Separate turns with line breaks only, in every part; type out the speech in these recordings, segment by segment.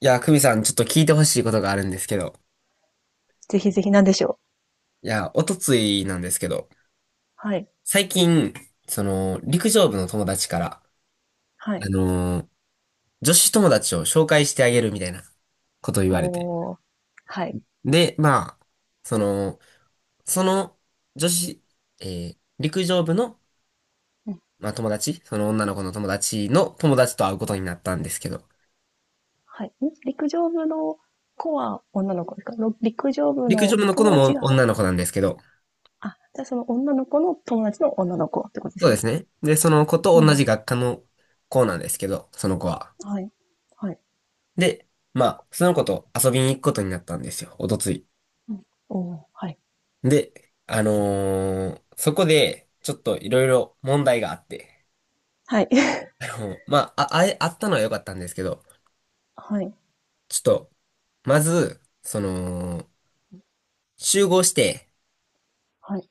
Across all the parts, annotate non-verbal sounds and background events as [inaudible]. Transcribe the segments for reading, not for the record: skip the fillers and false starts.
いや、久美さん、ちょっと聞いてほしいことがあるんですけど。
ぜひぜひ、なんでしょう。
いや、おとついなんですけど、
はい、
最近、その、陸上部の友達から、
は
あ
い。
のー女子友達を紹介してあげるみたいなことを言われて。
おー、はい。
で、まあ、その、その、女子、陸上部の、
うん、
まあ、友達、その女の子の友達の友達と会うことになったんですけど、
はい。ん陸上部の子は女の子ですかろ陸上部
陸上
の
部の子
友達
も
が、
女の子なんですけど、
あ、じゃあその女の子の友達の女の子ってことで
そう
す
で
ね。
すね。で、その子と
うん
同
うん。
じ学科の子なんですけど、その子は。
はい。はい。
で、まあ、その子と遊びに行くことになったんですよ、おとつい。
うん。おー、はい。
で、そこで、ちょっといろいろ問題があって、
はい。[laughs]
まあ、あ、あえ、あったのは良かったんですけど、
はい。
ちょっと、まず、その、集合して、
はい。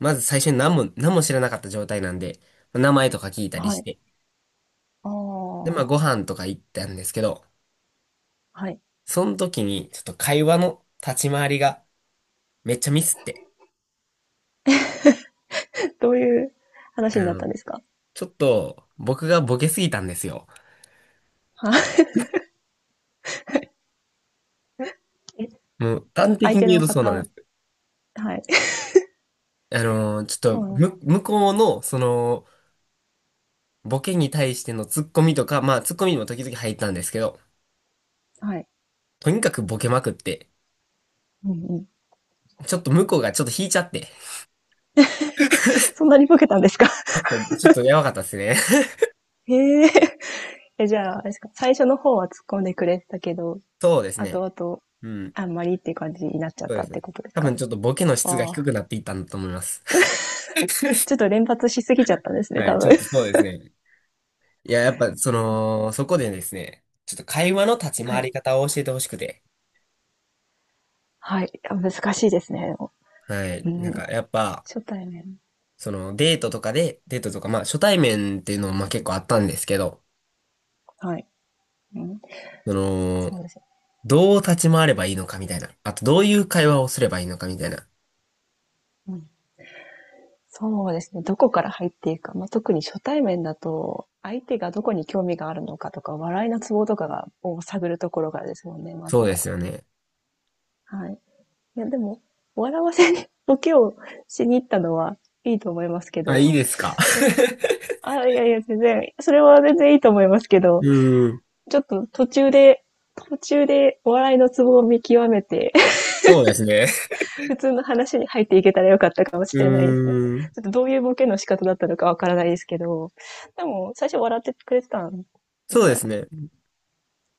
まず最初に何も知らなかった状態なんで、名前とか聞いたり
は
し
い。
て、
あー、
で、ま
は
あ、
い。
ご飯とか行ったんですけど、
はい。
その時に、ちょっと会話の立ち回りがめっちゃミスって、
[laughs] どういう
あ
話になった
の、
んですか？
ちょっと、僕がボケすぎたんですよ。
はい。[laughs] え、
もう端的
相手
に言う
の
とそうなんで
方、
す。
はい。
ちょ
そ
っ
う
と、
なんです。
向こうの、その、ボケに対してのツッコミとか、まあ、ツッコミにも時々入ったんですけど、
はい。
とにかくボケまくって、
うんうん。
ちょっと向こうがちょっと引いちゃって、[laughs]
そんなにボケたんですか？
ちょっとやばかったですね。[laughs]
[laughs] へえ。え、じゃあ、あれですか、最初の方は突っ込んでくれてたけど、
そうですね。
後々、
うん。
あんまりっていう感じになっちゃっ
そう
た
で
って
す。
ことです
多
か？
分ちょっとボケの質が
あ
低
あ。
くなっていったんだと思います。
ちょっと連発しすぎちゃっ
[laughs]
たんですね、
は
多
い、ち
分。
ょっ
[laughs]
とそうですね。いや、やっぱ、その、そこでですね、ちょっと会話の立ち
は
回
い。
り方を教えてほしくて、
はい。あ、難しいですね。
はい、
う
なんか、
ん。
やっぱ、
初対面。
そのデートとかで、デートとか、まあ初対面っていうのもまあ結構あったんですけど、
はい。うん。
その、
そうですね。
どう立ち回ればいいのかみたいな。あとどういう会話をすればいいのかみたいな。
うん。そうですね。どこから入っていくか。まあ、特に初対面だと、相手がどこに興味があるのかとか、笑いのツボとかが、を探るところからですもんね、ま
そ
ず
うで
は。
すよね。
はい。いや、でも、笑わせに、ボケをしに行ったのはいいと思いますけ
あ、い
ど、
いですか。
その、あ、いやいや、全然、それは全然いいと思いますけ
[laughs] う
ど、
ーん。
ちょっと途中でお笑いのツボを見極めて、
そうですね。
[laughs] 普通の話に入っていけたらよかったかもし
う
れないですね。
ーん。
ちょっとどういうボケの仕方だったのかわからないですけど、でも、最初笑ってくれてたんです
そうで
か？
すね。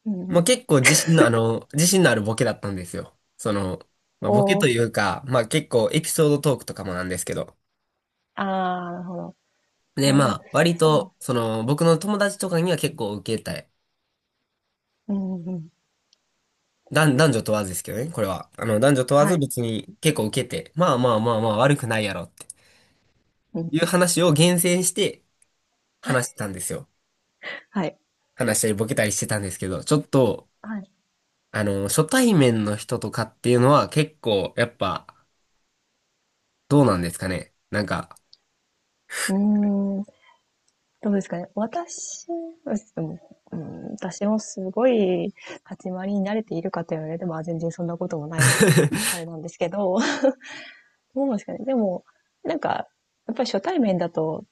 うん
ま
う
あ
ん。
結構自信のあるボケだったんですよ。その、まあボケ
お
と
ー、
いうか、まあ結構エピソードトークとかもなんですけど。
あー、なるほど。
で、
あ、
ま
でも、
あ割
そ
と、その、僕の友達とかには結構受けた
う。うんうん。
男女問わずですけどね、これは。男女問わ
は
ず
い。
別に結構受けて、まあまあまあまあ悪くないやろって
うん、
いう話を厳選して話してたんですよ。
はい。
話したりボケたりしてたんですけど、ちょっと、
はい。
初対面の人とかっていうのは結構、やっぱ、どうなんですかね。なんか
うーん。どうですかね。私、でも、うん、私もすごい立ち回りに慣れているかと言われても、まあ全然そんなこともないので、あ
[laughs]
れなんですけど、[laughs] どうなんですかね。でも、なんか、やっぱり初対面だと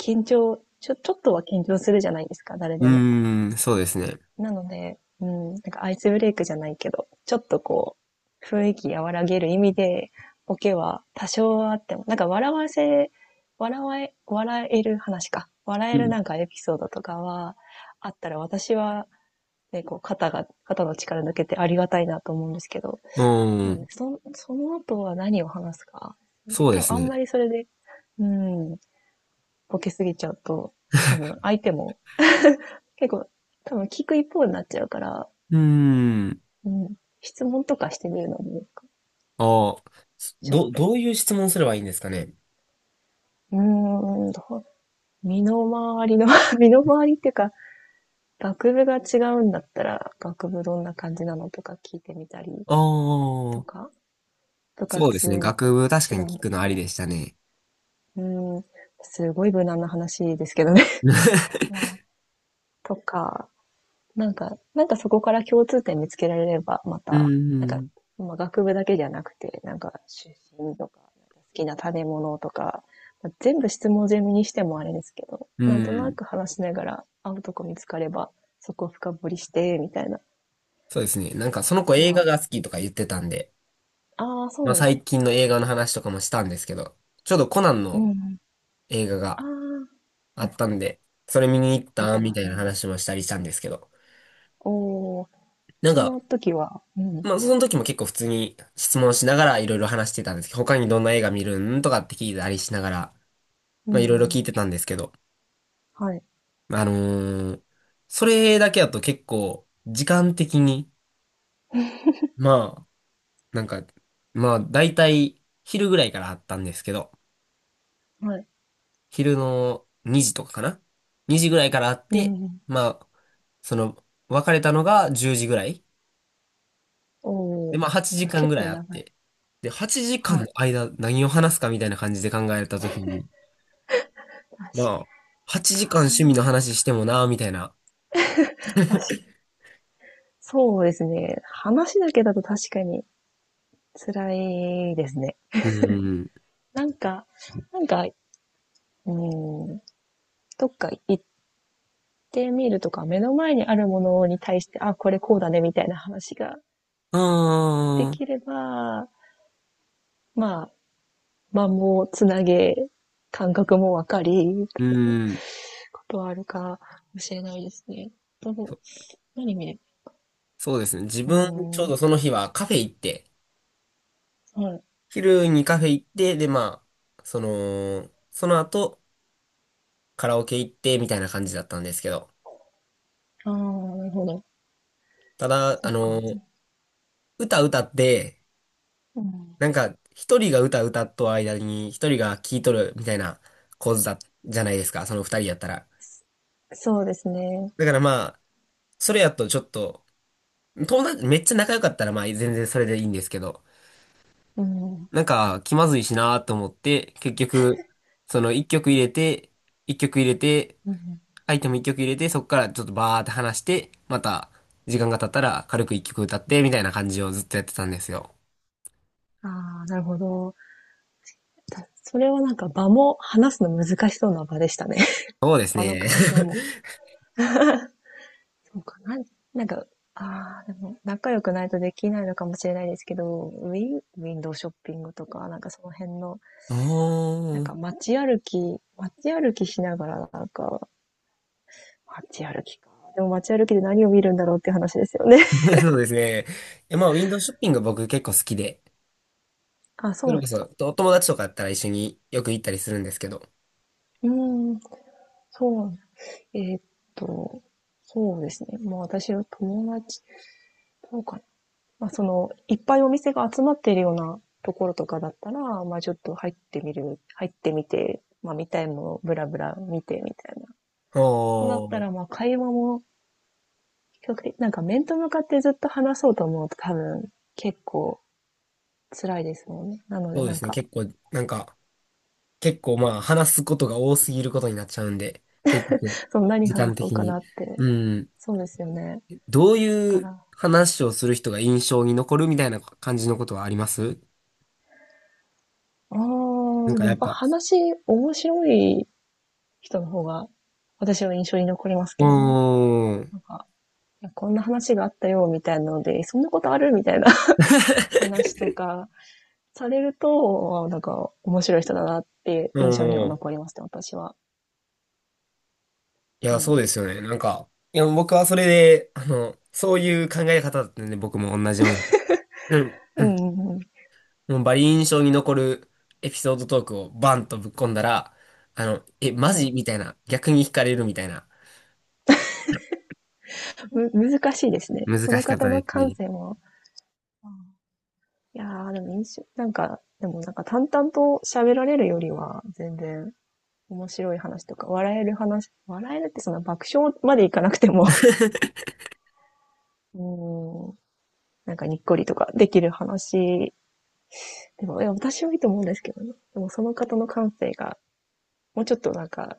緊張、ちょ、ちょっとは緊張するじゃないですか、誰
う
でも。
ーん、そうですね。
なので、うん、なんかアイスブレイクじゃないけど、ちょっとこう、雰囲気和らげる意味で、ボケは多少はあっても、なんか笑える話か。笑え
う
る
ん。
なんかエピソードとかはあったら私は、ね、こう肩が、肩の力抜けてありがたいなと思うんですけど、
うー
なんで
ん、
その後は何を話すか。ね
そうで
多
す
分あん
ね。
まりそれで、うん、ボケすぎちゃうと、多分相手も結構多分聞く一方になっちゃうから、
うーん、
うん。質問とかしてみるのもいいか。
ああ、
ちょっ
ど、
と。
どういう質問すればいいんですかね。
うーん、どう身の回りの [laughs] 身の回りっていうか、学部が違うんだったら、学部どんな感じなのとか聞いてみたり
あ
と
あ、
か、部
そうで
活
すね。学部確
違
かに
うん
聞
だ
く
っ
のあ
た
り
ら、
でしたね。
うーん、すごい無難な話ですけどね [laughs]。
う
まあ、とか、なんか、なんかそこから共通点見つけられれば、また、なんか、
ん。[laughs]
まあ、学部だけじゃなくて、なんか出身とか、なんか好きな食べ物とか、まあ、全部質問攻めにしてもあれですけど、
う
なんとな
ん。
く話しながら、会うとこ見つかれば、そこを深掘りして、みたいな
そうですね。なんかそ
こ
の子
と
映
は、
画が好きとか言ってたんで、
ああ、そう
まあ
なんです。
最近の映画の話とかもしたんですけど、ちょうどコナン
う
の
んうん。
映画
あ
が
あ、
あ
は
っ
い。
たんで、それ見に行っ
やっ
た
て
み
ま
た
す
いな
ね。
話もしたりしたんですけど、
おー、
なん
そ
か、
の時は、うん。
まあその時も結構普通に質問しながらいろいろ話してたんですけど、他にどんな映画見るんとかって聞いたりしながら、
うん
ま
う
あいろいろ
ん、
聞いてたんですけど、
はい。
あのーそれだけだと結構時間的に、まあなんか、まあ、だいたい昼ぐらいからあったんですけど、
はい。
昼の2時とかかな ?2 時ぐらいからあっ
うん
て、
うん。
まあ、その、別れたのが10時ぐらい。
お
で、
ー、
まあ、8
じゃあ
時間ぐ
結
らい
構
あっ
長い。
て。で、8時間
は
の
い。
間、何を話すかみたいな感じで考えたときに、ま
確
あ、8
台
時間趣味の話
湾、
してもな、みたいな。
確かに。そうですね。話だけだと確かに辛いですね。
うん。
なんか、なんか、うん、どっか行ってみるとか、目の前にあるものに対して、あ、これこうだね、みたいな話がで
ああ、
きれば、まあ、間もつなげ、感覚もわかり、
う
と
ん。
ことはあるかもしれないですね。どう、
そ
何見れ
そうですね。自
ば、う
分、ちょう
ーん。
どその日はカフェ行って、
はい。
昼にカフェ行って、で、まあ、その、その後、カラオケ行って、みたいな感じだったんですけど。
ああ、なるほど。
ただ、
そっか。
歌歌って、
うん、
なんか、一人が歌歌っと間に、一人が聴いとる、みたいな構図だ、じゃないですか、その二人やったら。
そうですね。
だからまあ、それやとちょっと、友達、めっちゃ仲良かったらまあ、全然それでいいんですけど、
うん。
なんか、気まずいしなと思って、結局、その一曲入れて、
うんうん。
アイテム一曲入れて、そこからちょっとバーって話して、また、時間が経ったら軽く一曲歌って、みたいな感じをずっとやってたんですよ。
ああ、なるほど。それはなんか場も話すの難しそうな場でしたね。[laughs]
そうです
場の
ね。
環境
[laughs]
も。そうかな。なんか、ああ、でも仲良くないとできないのかもしれないですけど、ウィンドウショッピングとか、なんかその辺の、
お
なん
ー。
か街歩きしながら、なんか、街歩きか。でも街歩きで何を見るんだろうっていう話ですよね。
[laughs] そうですね。いやまあ、ウィンドウショッピング僕結構好きで、
[laughs] あ、そ
そ
う
れ
なん
こ
です
そ、
か。
とお友達とかだったら一緒によく行ったりするんですけど。
うーん、そうなんだ、えーっと、そうですね。もう私は友達、どうかまあ、その、いっぱいお店が集まっているようなところとかだったら、まあ、ちょっと入ってみて、まあ、見たいものをブラブラ見てみたい
お
なだったら、ま
ー。
あ、会話も比較的、なんか面と向かってずっと話そうと思うと多分結構辛いですもんね。なので
そうで
なん
すね。
か、
結構、なんか、結構まあ、話すことが多すぎることになっちゃうんで、結局、
その何
時
話
間
そう
的
かな
に。
って、
うん。
そうですよね。だ
どう
か
いう
ら、
話をする人が印象に残るみたいな感じのことはあります。
あー、
なん
で
か
も
や
やっ
っ
ぱ
ぱ、
話面白い人の方が私は印象に残ります
うー
けどね。
ん、
なんか、こんな話があったよ、みたいなので、そんなことあるみたいな
[laughs]
[laughs]
う
話とかされると、なんか面白い人だなって
ー
印象には
ん。
残りますね、私は。
い
う
や、そうで
ん。
すよね。なんか、いや、僕はそれで、そういう考え方だったんで、僕も同じように。うん。
うんうんうん。
もうバリ印象に残るエピソードトークをバンとぶっ込んだら、え、マ
はい。
ジみたいな、逆に惹かれるみたいな。
む、難しいですね。
難
その
しかっ
方
たで
の
す
感
ね。
性も。いやー、でも印象、なんか、でもなんか淡々と喋られるよりは、全然面白い話とか、笑える話、笑えるってその爆笑までいかなくても、
[laughs]
[laughs] うん、なんかにっこりとかできる話でも、いや、私はいいと思うんですけどね。でも、その方の感性が、もうちょっとなんか、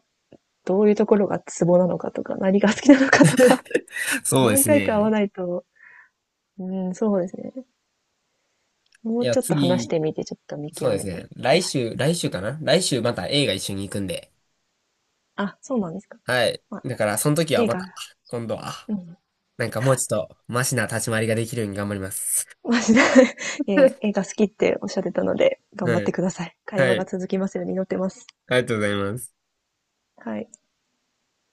どういうところがツボなのかとか、何が好きなのかとか、[laughs]
そうで
何
す
回か会わ
ね。
ないと、うん、そうですね。も
い
う
や、
ちょっと話し
次、
てみて、ちょっと見
そう
極
です
めて。
ね。
はい。
来週、来週かな来週また映画一緒に行くんで。
あ、そうなんですか。
はい。
まあ、
だから、その時は
映
ま
画、
た、今度は、
うん。
なんかもう
[laughs]
ちょっと、マシな立ち回りができるように頑張ります。
マジで、[laughs] いやいや、映画好きっておっしゃってたので、
[laughs]
頑張
は
って
い。
ください。会
は
話が
い。
続きますように祈ってます。
ありがとうございます。
はい。